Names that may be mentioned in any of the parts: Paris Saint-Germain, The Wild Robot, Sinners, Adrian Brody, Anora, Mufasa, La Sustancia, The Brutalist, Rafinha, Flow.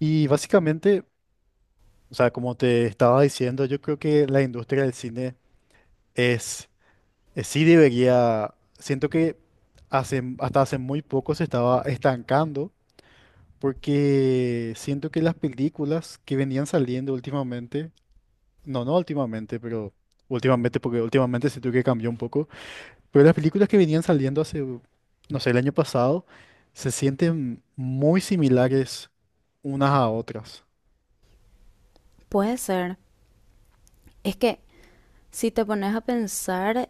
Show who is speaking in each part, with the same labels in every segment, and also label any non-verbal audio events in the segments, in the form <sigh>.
Speaker 1: Y básicamente, o sea, como te estaba diciendo, yo creo que la industria del cine es, sí debería. Siento que hace, hasta hace muy poco se estaba estancando, porque siento que las películas que venían saliendo últimamente, no, no últimamente, pero últimamente, porque últimamente siento que cambió un poco, pero las películas que venían saliendo hace, no sé, el año pasado, se sienten muy similares unas a otras.
Speaker 2: Puede ser. Es que si te pones a pensar,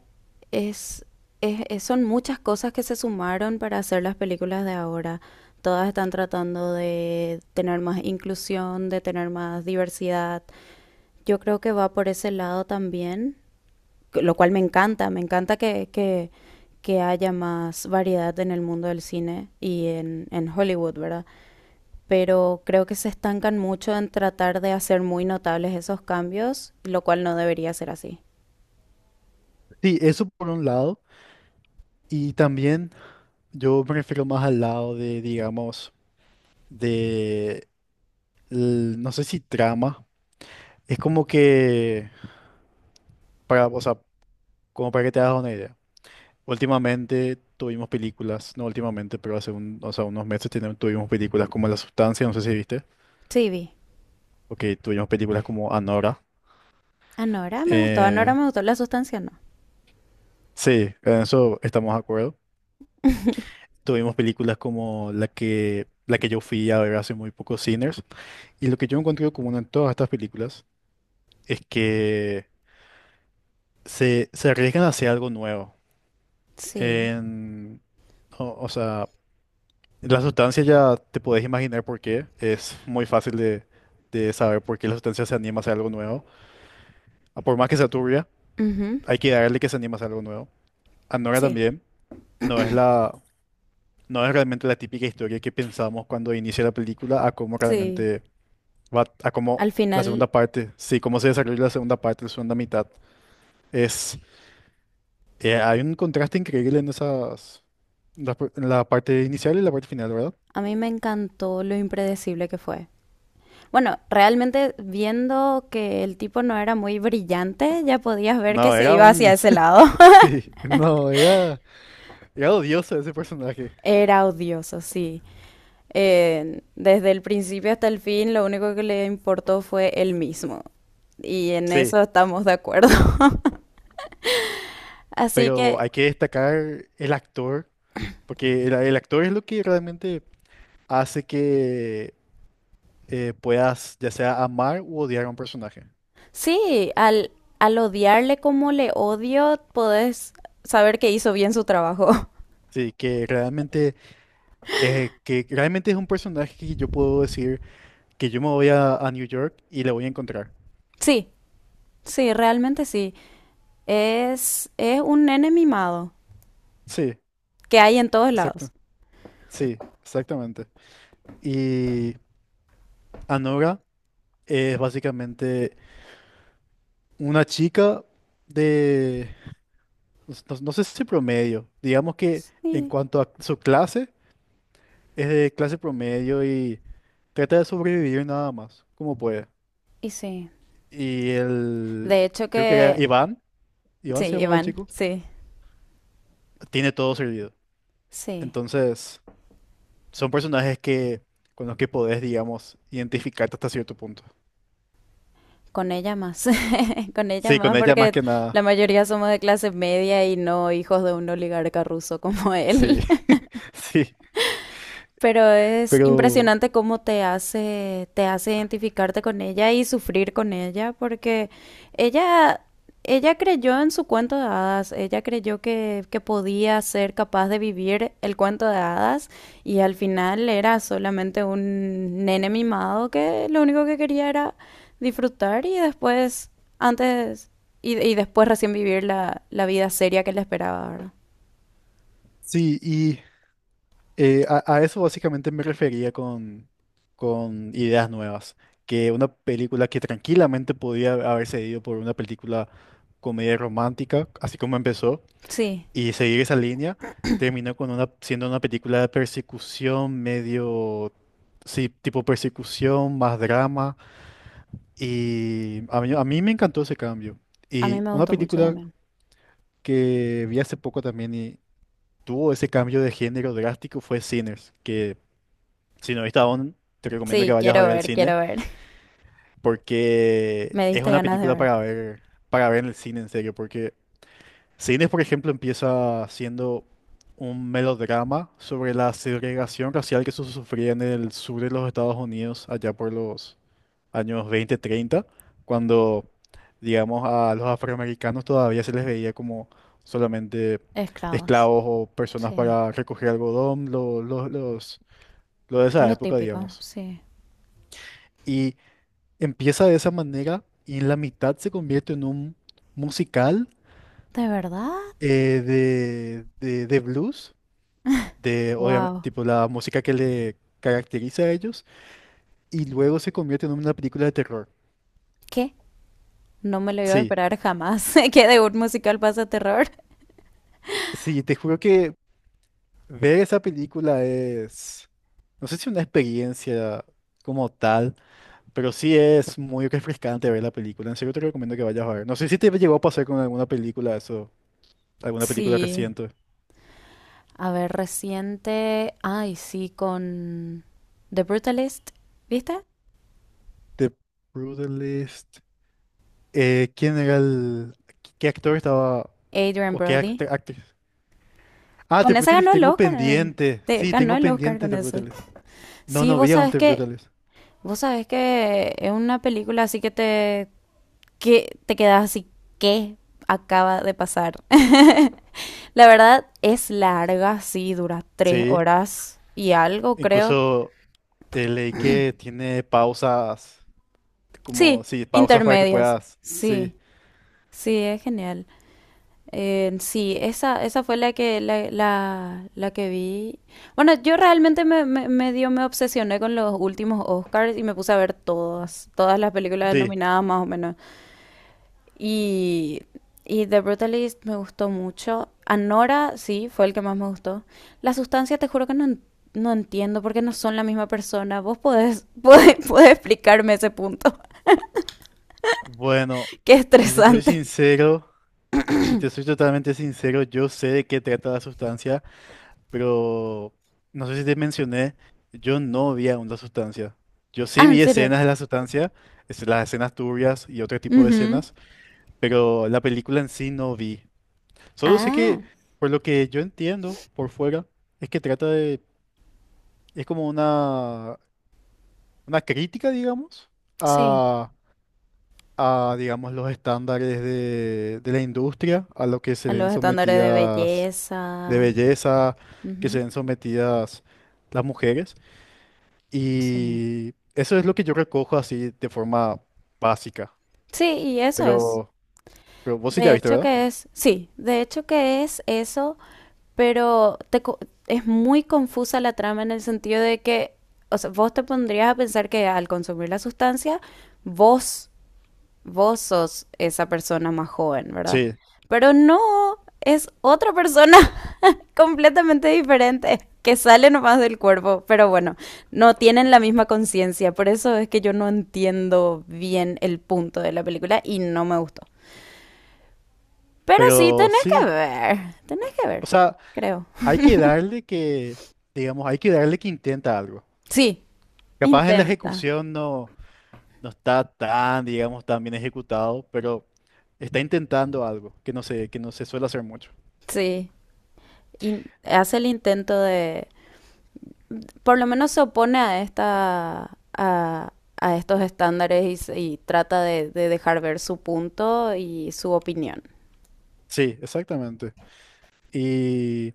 Speaker 2: es, son muchas cosas que se sumaron para hacer las películas de ahora. Todas están tratando de tener más inclusión, de tener más diversidad. Yo creo que va por ese lado también, lo cual me encanta. Me encanta que haya más variedad en el mundo del cine y en Hollywood, ¿verdad? Pero creo que se estancan mucho en tratar de hacer muy notables esos cambios, lo cual no debería ser así.
Speaker 1: Sí, eso por un lado. Y también, yo me refiero más al lado de, digamos, de, no sé si trama. Es como que, para, o sea, como para que te hagas una idea. Últimamente tuvimos películas, no últimamente, pero hace un, o sea, unos meses tuvimos películas como La Sustancia, no sé si viste.
Speaker 2: Sí, vi.
Speaker 1: Ok, tuvimos películas como Anora.
Speaker 2: Anora
Speaker 1: Eh,
Speaker 2: me gustó, la sustancia no.
Speaker 1: sí, en eso estamos de acuerdo. Tuvimos películas como la que yo fui a ver hace muy poco, Sinners. Y lo que yo encontré común en todas estas películas es que se arriesgan hacia algo nuevo.
Speaker 2: Sí.
Speaker 1: En- o sea, la sustancia ya te podés imaginar por qué. Es muy fácil de saber por qué la sustancia se anima hacia algo nuevo. Ah, por más que sea turbia,
Speaker 2: Ujú.
Speaker 1: hay que darle que se anima hacia algo nuevo. Anora
Speaker 2: Sí.
Speaker 1: también no es la, no es realmente la típica historia que pensamos cuando inicia la película, a cómo
Speaker 2: Sí.
Speaker 1: realmente va, a cómo
Speaker 2: Al
Speaker 1: la
Speaker 2: final,
Speaker 1: segunda parte, sí, cómo se desarrolla la segunda parte, la segunda mitad. Es Hay un contraste increíble en la parte inicial y la parte final, ¿verdad?
Speaker 2: a mí me encantó lo impredecible que fue. Bueno, realmente viendo que el tipo no era muy brillante, ya podías ver que
Speaker 1: No,
Speaker 2: se iba hacia ese lado.
Speaker 1: <laughs>
Speaker 2: <laughs>
Speaker 1: sí, no, era odioso ese personaje.
Speaker 2: Era odioso, sí. Desde el principio hasta el fin, lo único que le importó fue él mismo. Y en
Speaker 1: Sí,
Speaker 2: eso estamos de acuerdo. <laughs> Así
Speaker 1: pero
Speaker 2: que
Speaker 1: hay que destacar el actor, porque el actor es lo que realmente hace que puedas ya sea amar u odiar a un personaje.
Speaker 2: sí, al odiarle como le odio, podés saber que hizo bien su trabajo. <laughs>
Speaker 1: Sí, que realmente es un personaje que yo puedo decir que yo me voy a New York y le voy a encontrar.
Speaker 2: Sí, sí, realmente sí. Es un nene mimado
Speaker 1: Sí,
Speaker 2: que hay en todos
Speaker 1: exacto.
Speaker 2: lados.
Speaker 1: Sí, exactamente. Y Anora es básicamente una chica de, no sé si promedio, digamos que, en
Speaker 2: Sí,
Speaker 1: cuanto a su clase, es de clase promedio y trata de sobrevivir nada más, como puede.
Speaker 2: y sí.
Speaker 1: Y
Speaker 2: De hecho
Speaker 1: creo que era
Speaker 2: que...
Speaker 1: Iván,
Speaker 2: Sí,
Speaker 1: se llamaba el
Speaker 2: Iván,
Speaker 1: chico,
Speaker 2: sí,
Speaker 1: tiene todo servido.
Speaker 2: sí.
Speaker 1: Entonces, son personajes que, con los que podés, digamos, identificarte hasta cierto punto.
Speaker 2: Con ella más. <laughs> <laughs> Con ella
Speaker 1: Sí, con
Speaker 2: más,
Speaker 1: ella más
Speaker 2: porque
Speaker 1: que
Speaker 2: la
Speaker 1: nada,
Speaker 2: mayoría somos de clase media y no hijos de un oligarca ruso como él.
Speaker 1: sí, <laughs> sí,
Speaker 2: Pero es
Speaker 1: pero...
Speaker 2: impresionante cómo te hace identificarte con ella y sufrir con ella, porque ella, ella creyó en su cuento de hadas, ella creyó que podía ser capaz de vivir el cuento de hadas y al final era solamente un nene mimado que lo único que quería era disfrutar y después, antes, y después recién vivir la vida seria que le esperaba, ¿verdad?
Speaker 1: Sí, y a eso básicamente me refería con ideas nuevas, que una película que tranquilamente podía haberse ido por una película comedia romántica, así como empezó,
Speaker 2: Sí,
Speaker 1: y seguir esa línea, terminó con una, siendo una película de persecución medio, sí, tipo persecución, más drama, y a mí me encantó ese cambio.
Speaker 2: a mí
Speaker 1: Y
Speaker 2: me
Speaker 1: una
Speaker 2: gustó mucho
Speaker 1: película
Speaker 2: también.
Speaker 1: que vi hace poco también y tuvo ese cambio de género drástico fue Sinners, que... Si no viste aún, te recomiendo que
Speaker 2: Sí,
Speaker 1: vayas a
Speaker 2: quiero
Speaker 1: ver al
Speaker 2: ver,
Speaker 1: cine,
Speaker 2: quiero ver.
Speaker 1: porque
Speaker 2: Me
Speaker 1: es
Speaker 2: diste
Speaker 1: una
Speaker 2: ganas de
Speaker 1: película
Speaker 2: ver.
Speaker 1: para ver en el cine, en serio. Porque Cines, por ejemplo, empieza siendo un melodrama sobre la segregación racial que se sufría en el sur de los Estados Unidos allá por los años 20, 30, cuando, digamos, a los afroamericanos todavía se les veía como solamente
Speaker 2: Esclavos.
Speaker 1: esclavos o personas
Speaker 2: Sí.
Speaker 1: para recoger algodón, lo de esa
Speaker 2: Lo
Speaker 1: época,
Speaker 2: típico,
Speaker 1: digamos.
Speaker 2: sí.
Speaker 1: Y empieza de esa manera y en la mitad se convierte en un musical,
Speaker 2: ¿De verdad?
Speaker 1: de blues, de, obviamente,
Speaker 2: Wow.
Speaker 1: tipo la música que le caracteriza a ellos, y luego se convierte en una película de terror.
Speaker 2: ¿Qué? No me lo iba a
Speaker 1: Sí,
Speaker 2: esperar jamás. <laughs> ¿Que de un musical pasa terror?
Speaker 1: sí, te juro que ver esa película es, no sé si una experiencia como tal, pero sí es muy refrescante ver la película. En serio te recomiendo que vayas a ver. No sé si te llegó a pasar con alguna película eso, alguna película
Speaker 2: Sí.
Speaker 1: reciente.
Speaker 2: A ver, reciente. Ay, sí, con The Brutalist. ¿Viste?
Speaker 1: The Brutalist. ¿Quién era el? ¿Qué actor estaba
Speaker 2: Adrian
Speaker 1: o qué
Speaker 2: Brody.
Speaker 1: actriz? Ah, Te
Speaker 2: Con esa
Speaker 1: Brutales,
Speaker 2: ganó el
Speaker 1: tengo
Speaker 2: Oscar. eh.
Speaker 1: pendiente.
Speaker 2: Te-
Speaker 1: Sí,
Speaker 2: ganó
Speaker 1: tengo
Speaker 2: el Oscar
Speaker 1: pendiente
Speaker 2: con
Speaker 1: Te
Speaker 2: eso.
Speaker 1: Brutales. No,
Speaker 2: Sí,
Speaker 1: no vi
Speaker 2: vos
Speaker 1: aún
Speaker 2: sabés
Speaker 1: Te
Speaker 2: que.
Speaker 1: Brutales.
Speaker 2: Vos sabés que es una película así que te. Que te quedas así. ¿Qué acaba de pasar? La verdad es larga, sí, dura tres
Speaker 1: Sí,
Speaker 2: horas y algo, creo.
Speaker 1: incluso leí que tiene pausas, como,
Speaker 2: Sí,
Speaker 1: sí, pausas para que
Speaker 2: intermedias.
Speaker 1: puedas. Sí,
Speaker 2: Sí, sí, es genial. Sí, esa fue la que vi. Bueno, yo realmente me obsesioné con los últimos Oscars y me puse a ver todas las películas
Speaker 1: sí.
Speaker 2: nominadas más o menos. Y, y The Brutalist me gustó mucho. Anora, sí, fue el que más me gustó. La sustancia, te juro que no, no entiendo porque no son la misma persona. Vos podés, <laughs> podés explicarme ese punto.
Speaker 1: Bueno,
Speaker 2: <laughs> Qué
Speaker 1: si te soy
Speaker 2: estresante.
Speaker 1: sincero, si te soy totalmente sincero, yo sé de qué trata la sustancia. Pero no sé si te mencioné, yo no vi aún la sustancia. Yo sí
Speaker 2: Ah, ¿en
Speaker 1: vi
Speaker 2: serio?
Speaker 1: escenas de la sustancia, las escenas turbias y otro tipo de
Speaker 2: Ujú.
Speaker 1: escenas, pero la película en sí no vi. Solo sé que,
Speaker 2: Ah,
Speaker 1: por lo que yo entiendo por fuera, es que es como una crítica, digamos,
Speaker 2: sí.
Speaker 1: a, a, digamos, los estándares de la industria, a lo que se
Speaker 2: A
Speaker 1: ven
Speaker 2: los estándares de
Speaker 1: sometidas de
Speaker 2: belleza.
Speaker 1: belleza, que se
Speaker 2: Ujú.
Speaker 1: ven sometidas las mujeres.
Speaker 2: Sí.
Speaker 1: Y eso es lo que yo recojo así de forma básica.
Speaker 2: Sí, y eso es.
Speaker 1: Pero, pero, vos sí ya
Speaker 2: De
Speaker 1: viste,
Speaker 2: hecho
Speaker 1: ¿verdad?
Speaker 2: que es, sí, de hecho que es eso pero es muy confusa la trama en el sentido de que, o sea, vos te pondrías a pensar que al consumir la sustancia, vos, vos sos esa persona más joven, ¿verdad?
Speaker 1: Sí,
Speaker 2: Pero no, es otra persona <laughs> completamente diferente que sale nomás del cuerpo, pero bueno, no tienen la misma conciencia, por eso es que yo no entiendo bien el punto de la película y no me gustó. Pero sí,
Speaker 1: pero sí.
Speaker 2: tenés que ver,
Speaker 1: O sea,
Speaker 2: creo.
Speaker 1: hay que darle que, digamos, hay que darle que intenta algo.
Speaker 2: Sí,
Speaker 1: Capaz en la
Speaker 2: intenta.
Speaker 1: ejecución no, no está tan, digamos, tan bien ejecutado, pero está intentando algo que no se suele hacer mucho.
Speaker 2: Sí, y hace el intento de, por lo menos se opone a estos estándares y trata de dejar ver su punto y su opinión.
Speaker 1: Sí, exactamente. Y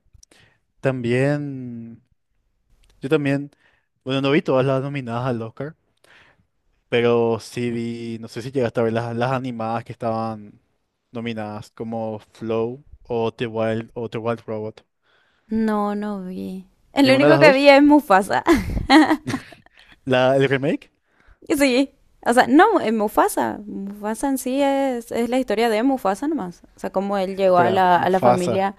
Speaker 1: también, yo también, bueno, no vi todas las nominadas al Oscar. Pero sí vi, no sé si llegaste a ver las animadas que estaban nominadas como Flow o The Wild Robot.
Speaker 2: No, no vi. El
Speaker 1: ¿Ninguna de
Speaker 2: único
Speaker 1: las
Speaker 2: que
Speaker 1: dos?
Speaker 2: vi es Mufasa. <laughs>
Speaker 1: ¿La, el remake?
Speaker 2: Sí, o sea, no, es Mufasa. Mufasa en sí es la historia de Mufasa nomás. O sea, cómo él llegó a
Speaker 1: Espera,
Speaker 2: la, a la
Speaker 1: Mufasa.
Speaker 2: familia.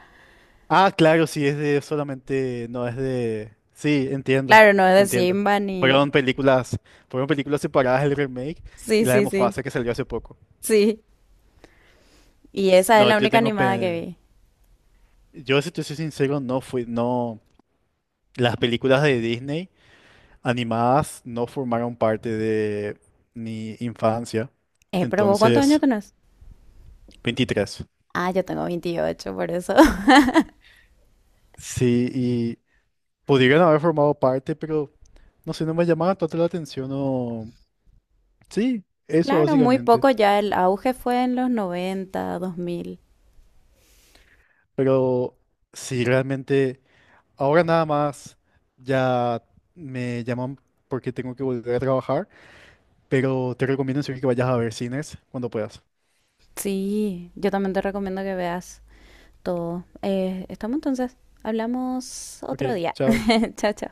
Speaker 1: Ah, claro, sí, es de solamente, no es de. Sí, entiendo,
Speaker 2: Claro, no es de
Speaker 1: entiendo.
Speaker 2: Simba ni...
Speaker 1: Fueron películas, fueron películas, separadas el remake y
Speaker 2: Sí,
Speaker 1: la de
Speaker 2: sí, sí,
Speaker 1: Mufasa que salió hace poco.
Speaker 2: sí. Y esa es
Speaker 1: No,
Speaker 2: la
Speaker 1: yo
Speaker 2: única
Speaker 1: tengo.
Speaker 2: animada que vi.
Speaker 1: Yo, si te soy sincero, no fui, no. Las películas de Disney animadas no formaron parte de mi infancia.
Speaker 2: Pero vos, ¿cuántos años
Speaker 1: Entonces,
Speaker 2: tenés?
Speaker 1: 23.
Speaker 2: Ah, yo tengo 28, por eso. <laughs>
Speaker 1: Sí, y pudieron haber formado parte, pero no sé, no me llamaba tanto la atención o. Sí, eso
Speaker 2: Claro, muy
Speaker 1: básicamente.
Speaker 2: poco ya. El auge fue en los 90, 2000.
Speaker 1: Pero sí, realmente, ahora nada más ya me llaman porque tengo que volver a trabajar, pero te recomiendo en serio que vayas a ver cines cuando puedas.
Speaker 2: Sí, yo también te recomiendo que veas todo. Estamos entonces. Hablamos
Speaker 1: Ok,
Speaker 2: otro día.
Speaker 1: chao.
Speaker 2: <laughs> Chao, chao.